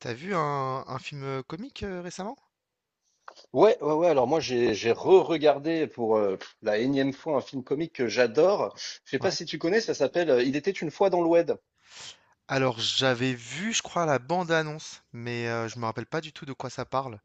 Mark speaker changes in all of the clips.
Speaker 1: T'as vu un film comique récemment?
Speaker 2: Ouais, ouais, ouais. Alors moi, j'ai re-regardé pour la énième fois un film comique que j'adore. Je sais pas
Speaker 1: Ouais.
Speaker 2: si tu connais, ça s'appelle Il était une fois dans l'Oued.
Speaker 1: Alors j'avais vu, je crois, la bande-annonce, mais je me rappelle pas du tout de quoi ça parle.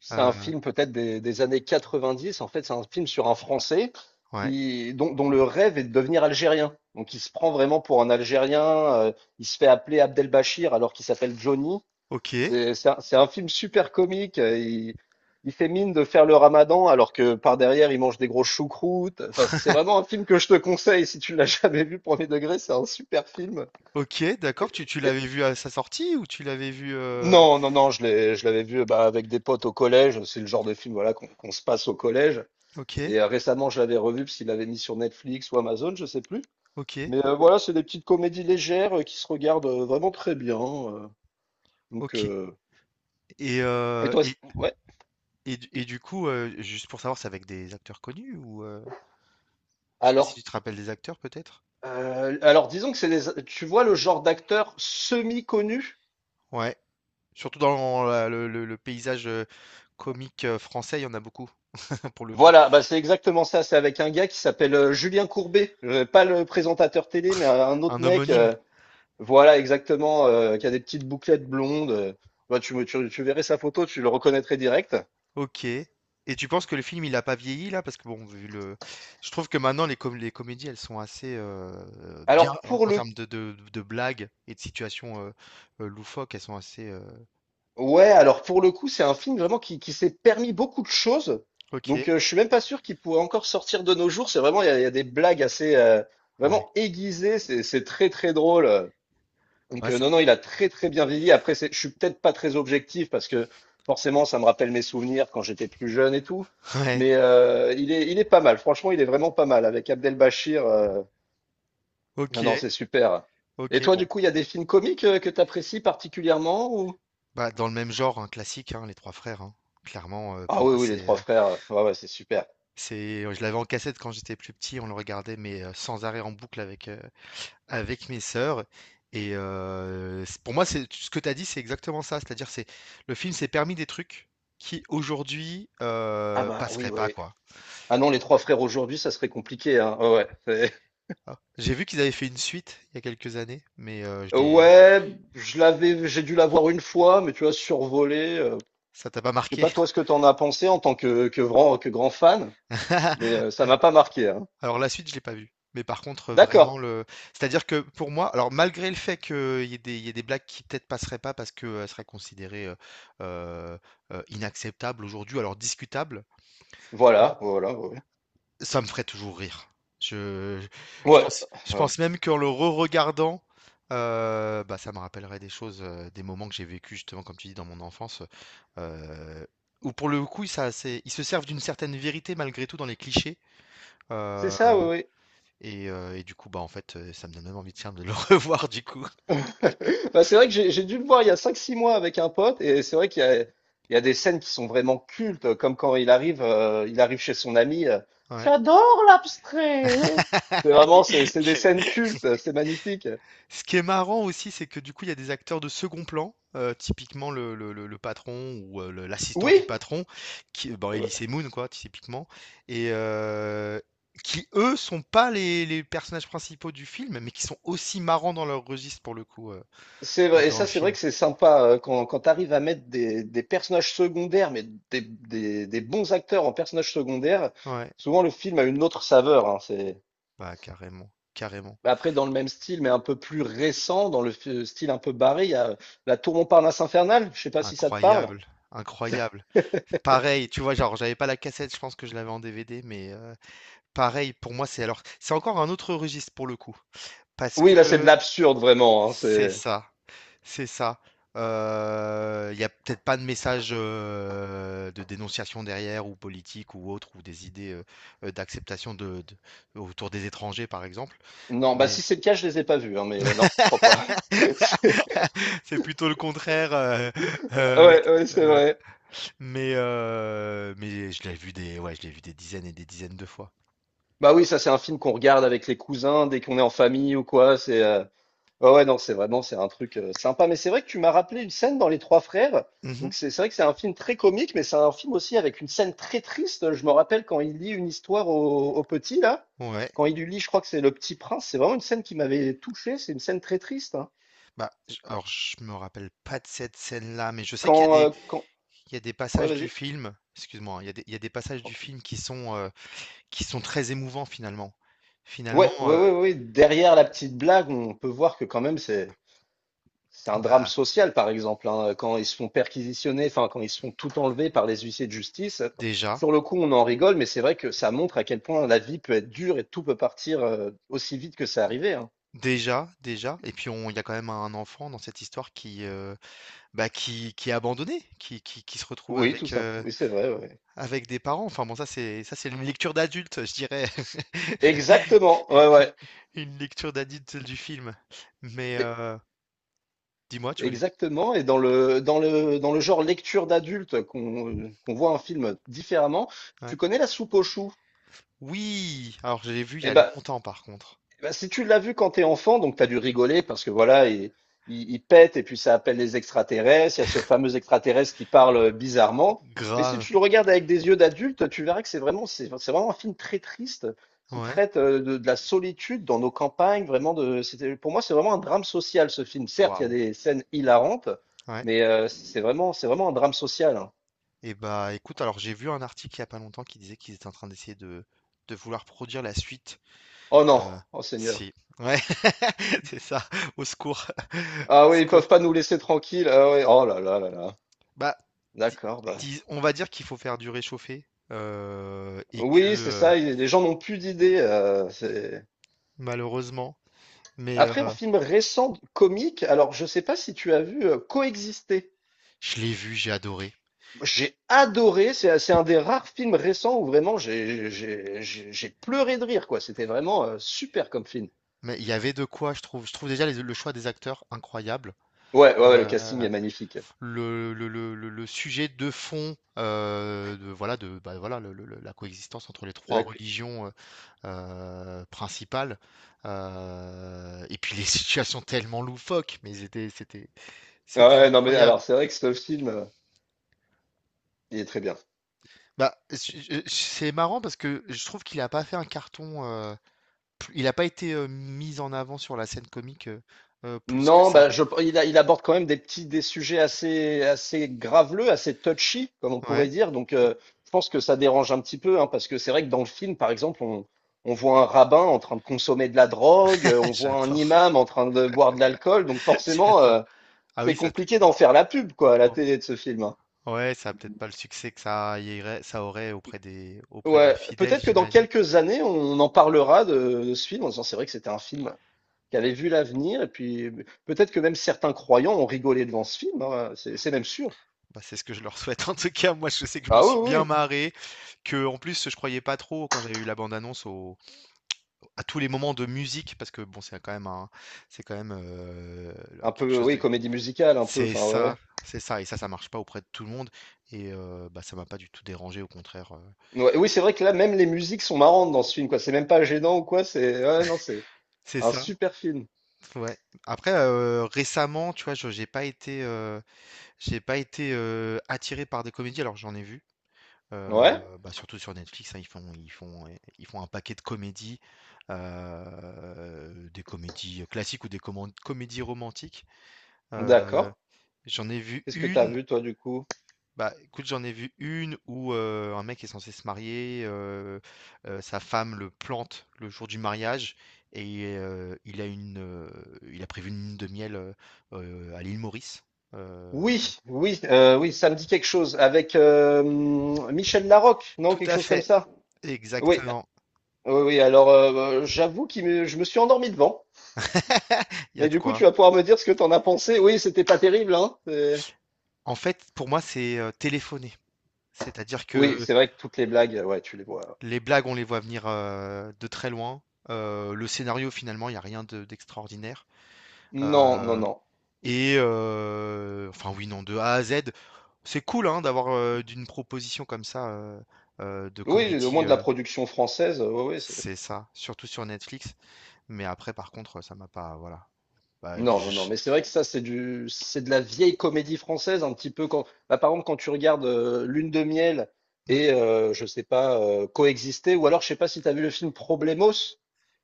Speaker 2: C'est
Speaker 1: Euh,
Speaker 2: un film peut-être des années 90. En fait, c'est un film sur un Français
Speaker 1: ouais.
Speaker 2: qui dont, dont le rêve est de devenir algérien. Donc, il se prend vraiment pour un Algérien. Il se fait appeler Abdelbachir alors qu'il s'appelle Johnny.
Speaker 1: Ok.
Speaker 2: C'est un film super comique. Il fait mine de faire le ramadan alors que par derrière, il mange des grosses choucroutes. Enfin, c'est vraiment un film que je te conseille si tu ne l'as jamais vu, premier degré. C'est un super film.
Speaker 1: Ok, d'accord.
Speaker 2: Et-
Speaker 1: Tu
Speaker 2: et-
Speaker 1: l'avais vu à sa sortie ou tu l'avais vu
Speaker 2: Non, non, non, je l'avais vu bah, avec des potes au collège. C'est le genre de film voilà, qu'on se passe au collège.
Speaker 1: Ok,
Speaker 2: Et récemment, je l'avais revu parce qu'il l'avait mis sur Netflix ou Amazon, je sais plus.
Speaker 1: ok,
Speaker 2: Mais voilà, c'est des petites comédies légères qui se regardent vraiment très bien. Donc,
Speaker 1: ok. Et,
Speaker 2: et
Speaker 1: euh,
Speaker 2: toi,
Speaker 1: et,
Speaker 2: ouais.
Speaker 1: et du coup, juste pour savoir, c'est avec des acteurs connus ou je sais pas si
Speaker 2: Alors,
Speaker 1: tu te rappelles des acteurs peut-être?
Speaker 2: alors disons que c'est des tu vois le genre d'acteur semi-connu?
Speaker 1: Ouais. Surtout dans le paysage comique français, il y en a beaucoup, pour le coup.
Speaker 2: Voilà, bah, c'est exactement ça, c'est avec un gars qui s'appelle, Julien Courbet, pas le présentateur télé, mais un autre
Speaker 1: Un
Speaker 2: mec,
Speaker 1: homonyme?
Speaker 2: voilà exactement, qui a des petites bouclettes blondes, bah, tu verrais sa photo, tu le reconnaîtrais direct.
Speaker 1: OK. Et tu penses que le film, il a pas vieilli là? Parce que bon, vu le je trouve que maintenant les comédies, elles sont assez, bien
Speaker 2: Alors
Speaker 1: en
Speaker 2: pour
Speaker 1: en
Speaker 2: le
Speaker 1: termes de blagues et de situations, loufoques, elles sont assez,
Speaker 2: Ouais, alors pour le coup, c'est un film vraiment qui s'est permis beaucoup de choses,
Speaker 1: OK,
Speaker 2: donc je suis même pas sûr qu'il pourrait encore sortir de nos jours. C'est vraiment il y a des blagues assez,
Speaker 1: ouais.
Speaker 2: vraiment aiguisées, c'est très, très drôle. Donc,
Speaker 1: Ouais, ça
Speaker 2: non, non, il a très très bien vieilli. Après, je suis peut-être pas très objectif parce que forcément, ça me rappelle mes souvenirs quand j'étais plus jeune et tout.
Speaker 1: ouais,
Speaker 2: Mais il est pas mal. Franchement, il est vraiment pas mal avec Abdelbachir. Non, non,
Speaker 1: OK,
Speaker 2: c'est super. Et
Speaker 1: OK,
Speaker 2: toi, du
Speaker 1: bon.
Speaker 2: coup, il y a des films comiques que tu apprécies particulièrement ou...
Speaker 1: Bah, dans le même genre, hein, classique, hein, Les 3 frères, hein. Clairement, pour
Speaker 2: Ah
Speaker 1: moi,
Speaker 2: oui, oui, Les Trois Frères. Ouais, ouais, c'est super.
Speaker 1: c'est je l'avais en cassette quand j'étais plus petit, on le regardait, mais, sans arrêt en boucle avec, avec mes sœurs et c pour moi, c'est ce que tu as dit, c'est exactement ça. C'est-à-dire, c'est le film s'est permis des trucs qui aujourd'hui,
Speaker 2: Ah bah oui,
Speaker 1: passeraient pas,
Speaker 2: oui.
Speaker 1: quoi.
Speaker 2: Ah non, Les Trois Frères aujourd'hui, ça serait compliqué, hein. Ouais, ouais. c'est-
Speaker 1: Ah, j'ai vu qu'ils avaient fait une suite il y a quelques années, mais je l'ai
Speaker 2: Ouais, j'ai dû la voir une fois, mais tu vois, survolé.
Speaker 1: ça t'a pas
Speaker 2: Je sais
Speaker 1: marqué?
Speaker 2: pas toi ce que tu en as pensé en tant que grand fan, mais ça m'a pas marqué. Hein.
Speaker 1: Alors la suite, je l'ai pas vue, mais par contre, vraiment
Speaker 2: D'accord.
Speaker 1: le c'est-à-dire que pour moi alors malgré le fait qu'il y ait des blagues qui peut-être passeraient pas parce qu'elles seraient considérées, heu inacceptables aujourd'hui, alors discutables.
Speaker 2: Voilà, voilà, ouais.
Speaker 1: Ça me ferait toujours rire. Je je
Speaker 2: Ouais,
Speaker 1: pense je
Speaker 2: euh,
Speaker 1: pense même qu'en le re-regardant, bah, ça me rappellerait des choses, des moments que j'ai vécu justement comme tu dis dans mon enfance, où pour le coup, ça c'est ils se servent d'une certaine vérité malgré tout dans les clichés,
Speaker 2: c'est
Speaker 1: heu
Speaker 2: ça, oui,
Speaker 1: et du coup, bah, en fait, ça me donne même envie de, tiens, de le revoir du coup.
Speaker 2: oui. Bah, c'est vrai que j'ai dû le voir il y a 5, 6 mois avec un pote, et c'est vrai qu'il y a des scènes qui sont vraiment cultes, comme quand il arrive chez son ami.
Speaker 1: Ouais.
Speaker 2: J'adore l'abstrait. Hein. C'est vraiment, c'est des scènes cultes, c'est magnifique.
Speaker 1: Ce qui est marrant aussi, c'est que du coup, il y a des acteurs de second plan, typiquement le patron ou, le l'assistant du
Speaker 2: Oui,
Speaker 1: patron qui bon, Elie Moon, quoi, typiquement et qui eux sont pas les personnages principaux du film, mais qui sont aussi marrants dans leur registre pour le coup,
Speaker 2: c'est vrai, et
Speaker 1: dans
Speaker 2: ça,
Speaker 1: le
Speaker 2: c'est vrai
Speaker 1: film.
Speaker 2: que c'est sympa quand tu arrives à mettre des personnages secondaires, mais des bons acteurs en personnages secondaires.
Speaker 1: Ouais,
Speaker 2: Souvent, le film a une autre saveur. Hein, c'est...
Speaker 1: bah, carrément, carrément.
Speaker 2: Bah, après, dans le même style, mais un peu plus récent, dans le style un peu barré, il y a La Tour Montparnasse infernale. Je sais pas si ça te parle.
Speaker 1: Incroyable, incroyable. Pareil, tu vois, genre, j'avais pas la cassette, je pense que je l'avais en DVD, mais pareil pour moi, c'est alors c'est encore un autre registre pour le coup. Parce
Speaker 2: Oui, là, c'est de
Speaker 1: que
Speaker 2: l'absurde, vraiment. Hein,
Speaker 1: C'est
Speaker 2: c'est...
Speaker 1: ça, c'est ça. Il n'y a peut-être pas de message de dénonciation derrière, ou politique, ou autre, ou des idées d'acceptation de, autour des étrangers, par exemple.
Speaker 2: Non, bah
Speaker 1: Mais
Speaker 2: si c'est le cas, je les ai pas vus, hein, mais non, je crois pas. C'est-
Speaker 1: c'est plutôt le contraire. Euh,
Speaker 2: Ouais,
Speaker 1: avec,
Speaker 2: ouais, c'est
Speaker 1: euh,
Speaker 2: vrai.
Speaker 1: mais je l'ai vu des, ouais, je l'ai vu des dizaines et des dizaines de fois.
Speaker 2: Bah oui, ça, c'est un film qu'on regarde avec les cousins dès qu'on est en famille ou quoi. C'est Ouais, ouais, non, c'est vraiment, c'est un truc sympa. Mais c'est vrai que tu m'as rappelé une scène dans Les Trois Frères. Donc
Speaker 1: Mhm.
Speaker 2: c'est vrai que c'est un film très comique, mais c'est un film aussi avec une scène très triste. Je me rappelle quand il lit une histoire au petit, là.
Speaker 1: Ouais.
Speaker 2: Quand il lui lit, je crois que c'est Le Petit Prince. C'est vraiment une scène qui m'avait touché. C'est une scène très triste. Hein.
Speaker 1: Bah, alors je me rappelle pas de cette scène-là, mais je sais qu'il y a
Speaker 2: Quand,
Speaker 1: des,
Speaker 2: euh, quand...
Speaker 1: il y a des
Speaker 2: Ouais,
Speaker 1: passages du
Speaker 2: vas-y,
Speaker 1: film, excuse-moi, hein, il y a des passages du
Speaker 2: tranquille.
Speaker 1: film qui sont très émouvants finalement.
Speaker 2: Ouais,
Speaker 1: Finalement,
Speaker 2: ouais, ouais, ouais, ouais. Derrière la petite blague, on peut voir que quand même, c'est... C'est un drame
Speaker 1: bah
Speaker 2: social, par exemple, hein, quand ils se font perquisitionner, enfin, quand ils se font tout enlever par les huissiers de justice.
Speaker 1: déjà,
Speaker 2: Sur le coup, on en rigole, mais c'est vrai que ça montre à quel point la vie peut être dure et tout peut partir aussi vite que c'est arrivé. Hein.
Speaker 1: déjà, déjà, et puis il y a quand même un enfant dans cette histoire qui, bah, qui est abandonné, qui se retrouve
Speaker 2: Oui, tout
Speaker 1: avec,
Speaker 2: simple.
Speaker 1: euh,
Speaker 2: Oui, c'est vrai. Ouais.
Speaker 1: avec des parents. Enfin bon, ça c'est une lecture d'adulte, je dirais.
Speaker 2: Exactement. Ouais, ouais.
Speaker 1: Une lecture d'adulte du film. Mais
Speaker 2: Et-
Speaker 1: dis-moi, tu voulais.
Speaker 2: exactement. Et dans le, dans le genre lecture d'adulte qu'on voit un film différemment, tu
Speaker 1: Ouais.
Speaker 2: connais La Soupe aux choux?
Speaker 1: Oui, alors je l'ai vu il y a
Speaker 2: Eh ben,
Speaker 1: longtemps par contre.
Speaker 2: Eh ben, si tu l'as vu quand t'es enfant, donc t'as dû rigoler parce que voilà, il pète et puis ça appelle les extraterrestres. Il y a ce fameux extraterrestre qui parle bizarrement. Mais si
Speaker 1: Grave.
Speaker 2: tu le regardes avec des yeux d'adulte, tu verras que c'est vraiment, c'est vraiment un film très triste qui
Speaker 1: Ouais.
Speaker 2: traite de la solitude dans nos campagnes. Pour moi, c'est vraiment un drame social ce film. Certes, il y a
Speaker 1: Waouh.
Speaker 2: des scènes hilarantes,
Speaker 1: Ouais.
Speaker 2: mais c'est vraiment un drame social. Hein.
Speaker 1: Et bah écoute, alors j'ai vu un article il y a pas longtemps qui disait qu'ils étaient en train d'essayer de, vouloir produire la suite.
Speaker 2: Oh non,
Speaker 1: Euh,
Speaker 2: oh Seigneur.
Speaker 1: Si. Ouais, c'est ça. Au secours.
Speaker 2: Ah
Speaker 1: Au
Speaker 2: oui, ils peuvent
Speaker 1: secours.
Speaker 2: pas nous laisser tranquilles. Ah oui, oh là là là là.
Speaker 1: Bah, di-
Speaker 2: D'accord, bah.
Speaker 1: on va dire qu'il faut faire du réchauffé et que
Speaker 2: Oui, c'est ça, les gens n'ont plus d'idées.
Speaker 1: malheureusement, mais
Speaker 2: Après, un film récent, comique, alors je sais pas si tu as vu Coexister.
Speaker 1: je l'ai vu, j'ai adoré.
Speaker 2: J'ai adoré, c'est un des rares films récents où vraiment j'ai pleuré de rire, quoi. C'était vraiment super comme film.
Speaker 1: Mais il y avait de quoi, je trouve. Je trouve déjà le choix des acteurs incroyable.
Speaker 2: Ouais, ouais, ouais, le casting est
Speaker 1: Euh,
Speaker 2: magnifique.
Speaker 1: le sujet de fond de, voilà, bah, voilà, la coexistence entre les trois
Speaker 2: D'ac-
Speaker 1: religions principales, et puis les situations tellement loufoques, mais c'était
Speaker 2: Ouais, non, mais alors
Speaker 1: incroyable.
Speaker 2: c'est vrai que ce film, il est très bien.
Speaker 1: Bah, c'est marrant parce que je trouve qu'il n'a pas fait un carton, il n'a pas été mis en avant sur la scène comique plus que
Speaker 2: Non,
Speaker 1: ça.
Speaker 2: bah, il aborde quand même des sujets assez, assez graveleux, assez touchy, comme on pourrait
Speaker 1: Ouais,
Speaker 2: dire. Donc, je pense que ça dérange un petit peu, hein, parce que c'est vrai que dans le film, par exemple, on voit un rabbin en train de consommer de la drogue, on voit un
Speaker 1: j'adore,
Speaker 2: imam en train de boire de l'alcool. Donc, forcément,
Speaker 1: j'adore. Ah oui,
Speaker 2: c'est
Speaker 1: ça.
Speaker 2: compliqué d'en faire la pub, quoi, à la télé de ce film. Hein.
Speaker 1: Ouais, ça a peut-être pas le succès que ça aurait auprès des
Speaker 2: Ouais,
Speaker 1: fidèles,
Speaker 2: peut-être que dans
Speaker 1: j'imagine.
Speaker 2: quelques années, on en parlera de ce film en disant c'est vrai que c'était un film qui avait vu l'avenir, et puis peut-être que même certains croyants ont rigolé devant ce film, hein, c'est même sûr.
Speaker 1: Bah, c'est ce que je leur souhaite. En tout cas, moi, je sais que je me
Speaker 2: Ah oui,
Speaker 1: suis bien
Speaker 2: oui,
Speaker 1: marré, que en plus, je croyais pas trop quand j'avais eu la bande-annonce à tous les moments de musique, parce que bon, c'est quand même c'est quand même euh,
Speaker 2: un
Speaker 1: quelque
Speaker 2: peu,
Speaker 1: chose
Speaker 2: oui,
Speaker 1: de.
Speaker 2: comédie musicale, un peu,
Speaker 1: C'est
Speaker 2: enfin, ouais, ouais.
Speaker 1: ça, c'est ça, et ça, ça marche pas auprès de tout le monde, et bah, ça m'a pas du tout dérangé, au contraire.
Speaker 2: Ouais, oui, c'est vrai que là, même les musiques sont marrantes dans ce film, quoi. C'est même pas gênant ou quoi, c'est, ouais, non, c'est
Speaker 1: C'est
Speaker 2: un
Speaker 1: ça,
Speaker 2: super film.
Speaker 1: ouais. Après, récemment, tu vois, j'ai pas été. J'ai pas été attiré par des comédies, alors j'en ai vu.
Speaker 2: Ouais,
Speaker 1: Bah, surtout sur Netflix, hein, ils font un paquet de comédies, des comédies classiques ou des comédies romantiques. Euh,
Speaker 2: d'accord.
Speaker 1: j'en ai vu
Speaker 2: Qu'est-ce que t'as
Speaker 1: une,
Speaker 2: vu, toi, du coup?
Speaker 1: bah écoute, j'en ai vu une où un mec est censé se marier, sa femme le plante le jour du mariage et il a prévu une lune de miel à l'île Maurice. Euh,
Speaker 2: Oui, oui, oui, ça me dit quelque chose. Avec Michel Larocque, non,
Speaker 1: Tout
Speaker 2: quelque
Speaker 1: à
Speaker 2: chose comme
Speaker 1: fait.
Speaker 2: ça. Oui,
Speaker 1: Exactement.
Speaker 2: oui, oui. Alors, j'avoue que je me suis endormi devant.
Speaker 1: Il y a
Speaker 2: Mais
Speaker 1: de
Speaker 2: du coup, tu
Speaker 1: quoi.
Speaker 2: vas pouvoir me dire ce que t'en as pensé. Oui, c'était pas terrible, hein.
Speaker 1: En fait, pour moi, c'est téléphoné. C'est-à-dire
Speaker 2: Oui,
Speaker 1: que
Speaker 2: c'est vrai que toutes les blagues, ouais, tu les vois, ouais.
Speaker 1: les blagues, on les voit venir de très loin. Le scénario, finalement, il n'y a rien d'extraordinaire.
Speaker 2: Non, non,
Speaker 1: Euh,
Speaker 2: non.
Speaker 1: et, enfin, oui, non, de A à Z, c'est cool hein, d'une proposition comme ça de
Speaker 2: Oui, au moins
Speaker 1: comédie.
Speaker 2: de la production française, oui, oui.
Speaker 1: C'est ça, surtout sur Netflix. Mais après, par contre, ça m'a pas. Voilà. Bah,
Speaker 2: Non, non, non, mais c'est vrai que ça, c'est de la vieille comédie française, un petit peu quand, bah, par exemple, quand tu regardes Lune de miel
Speaker 1: je- hmm,
Speaker 2: et, je sais pas, Coexister, ou alors, je sais pas si tu as vu le film Problemos,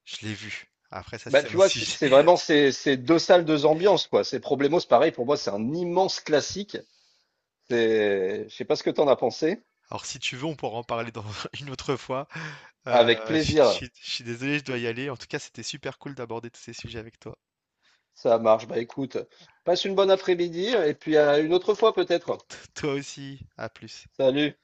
Speaker 1: je l'ai vu. Après, ça,
Speaker 2: bah,
Speaker 1: c'est
Speaker 2: tu
Speaker 1: un
Speaker 2: vois que c'est
Speaker 1: sujet.
Speaker 2: c'est vraiment ces deux salles, deux ambiances, quoi. C'est Problemos, pareil, pour moi, c'est un immense classique. Je sais pas ce que t'en as pensé.
Speaker 1: Alors si tu veux, on pourra en parler dans une autre fois. Heu,
Speaker 2: Avec
Speaker 1: je je
Speaker 2: plaisir,
Speaker 1: suis je suis désolé, je dois y aller. En tout cas, c'était super cool d'aborder tous ces sujets avec toi.
Speaker 2: ça marche. Bah, écoute, passe une bonne après-midi, et puis à une autre fois, peut-être.
Speaker 1: Toi aussi, à plus.
Speaker 2: Salut.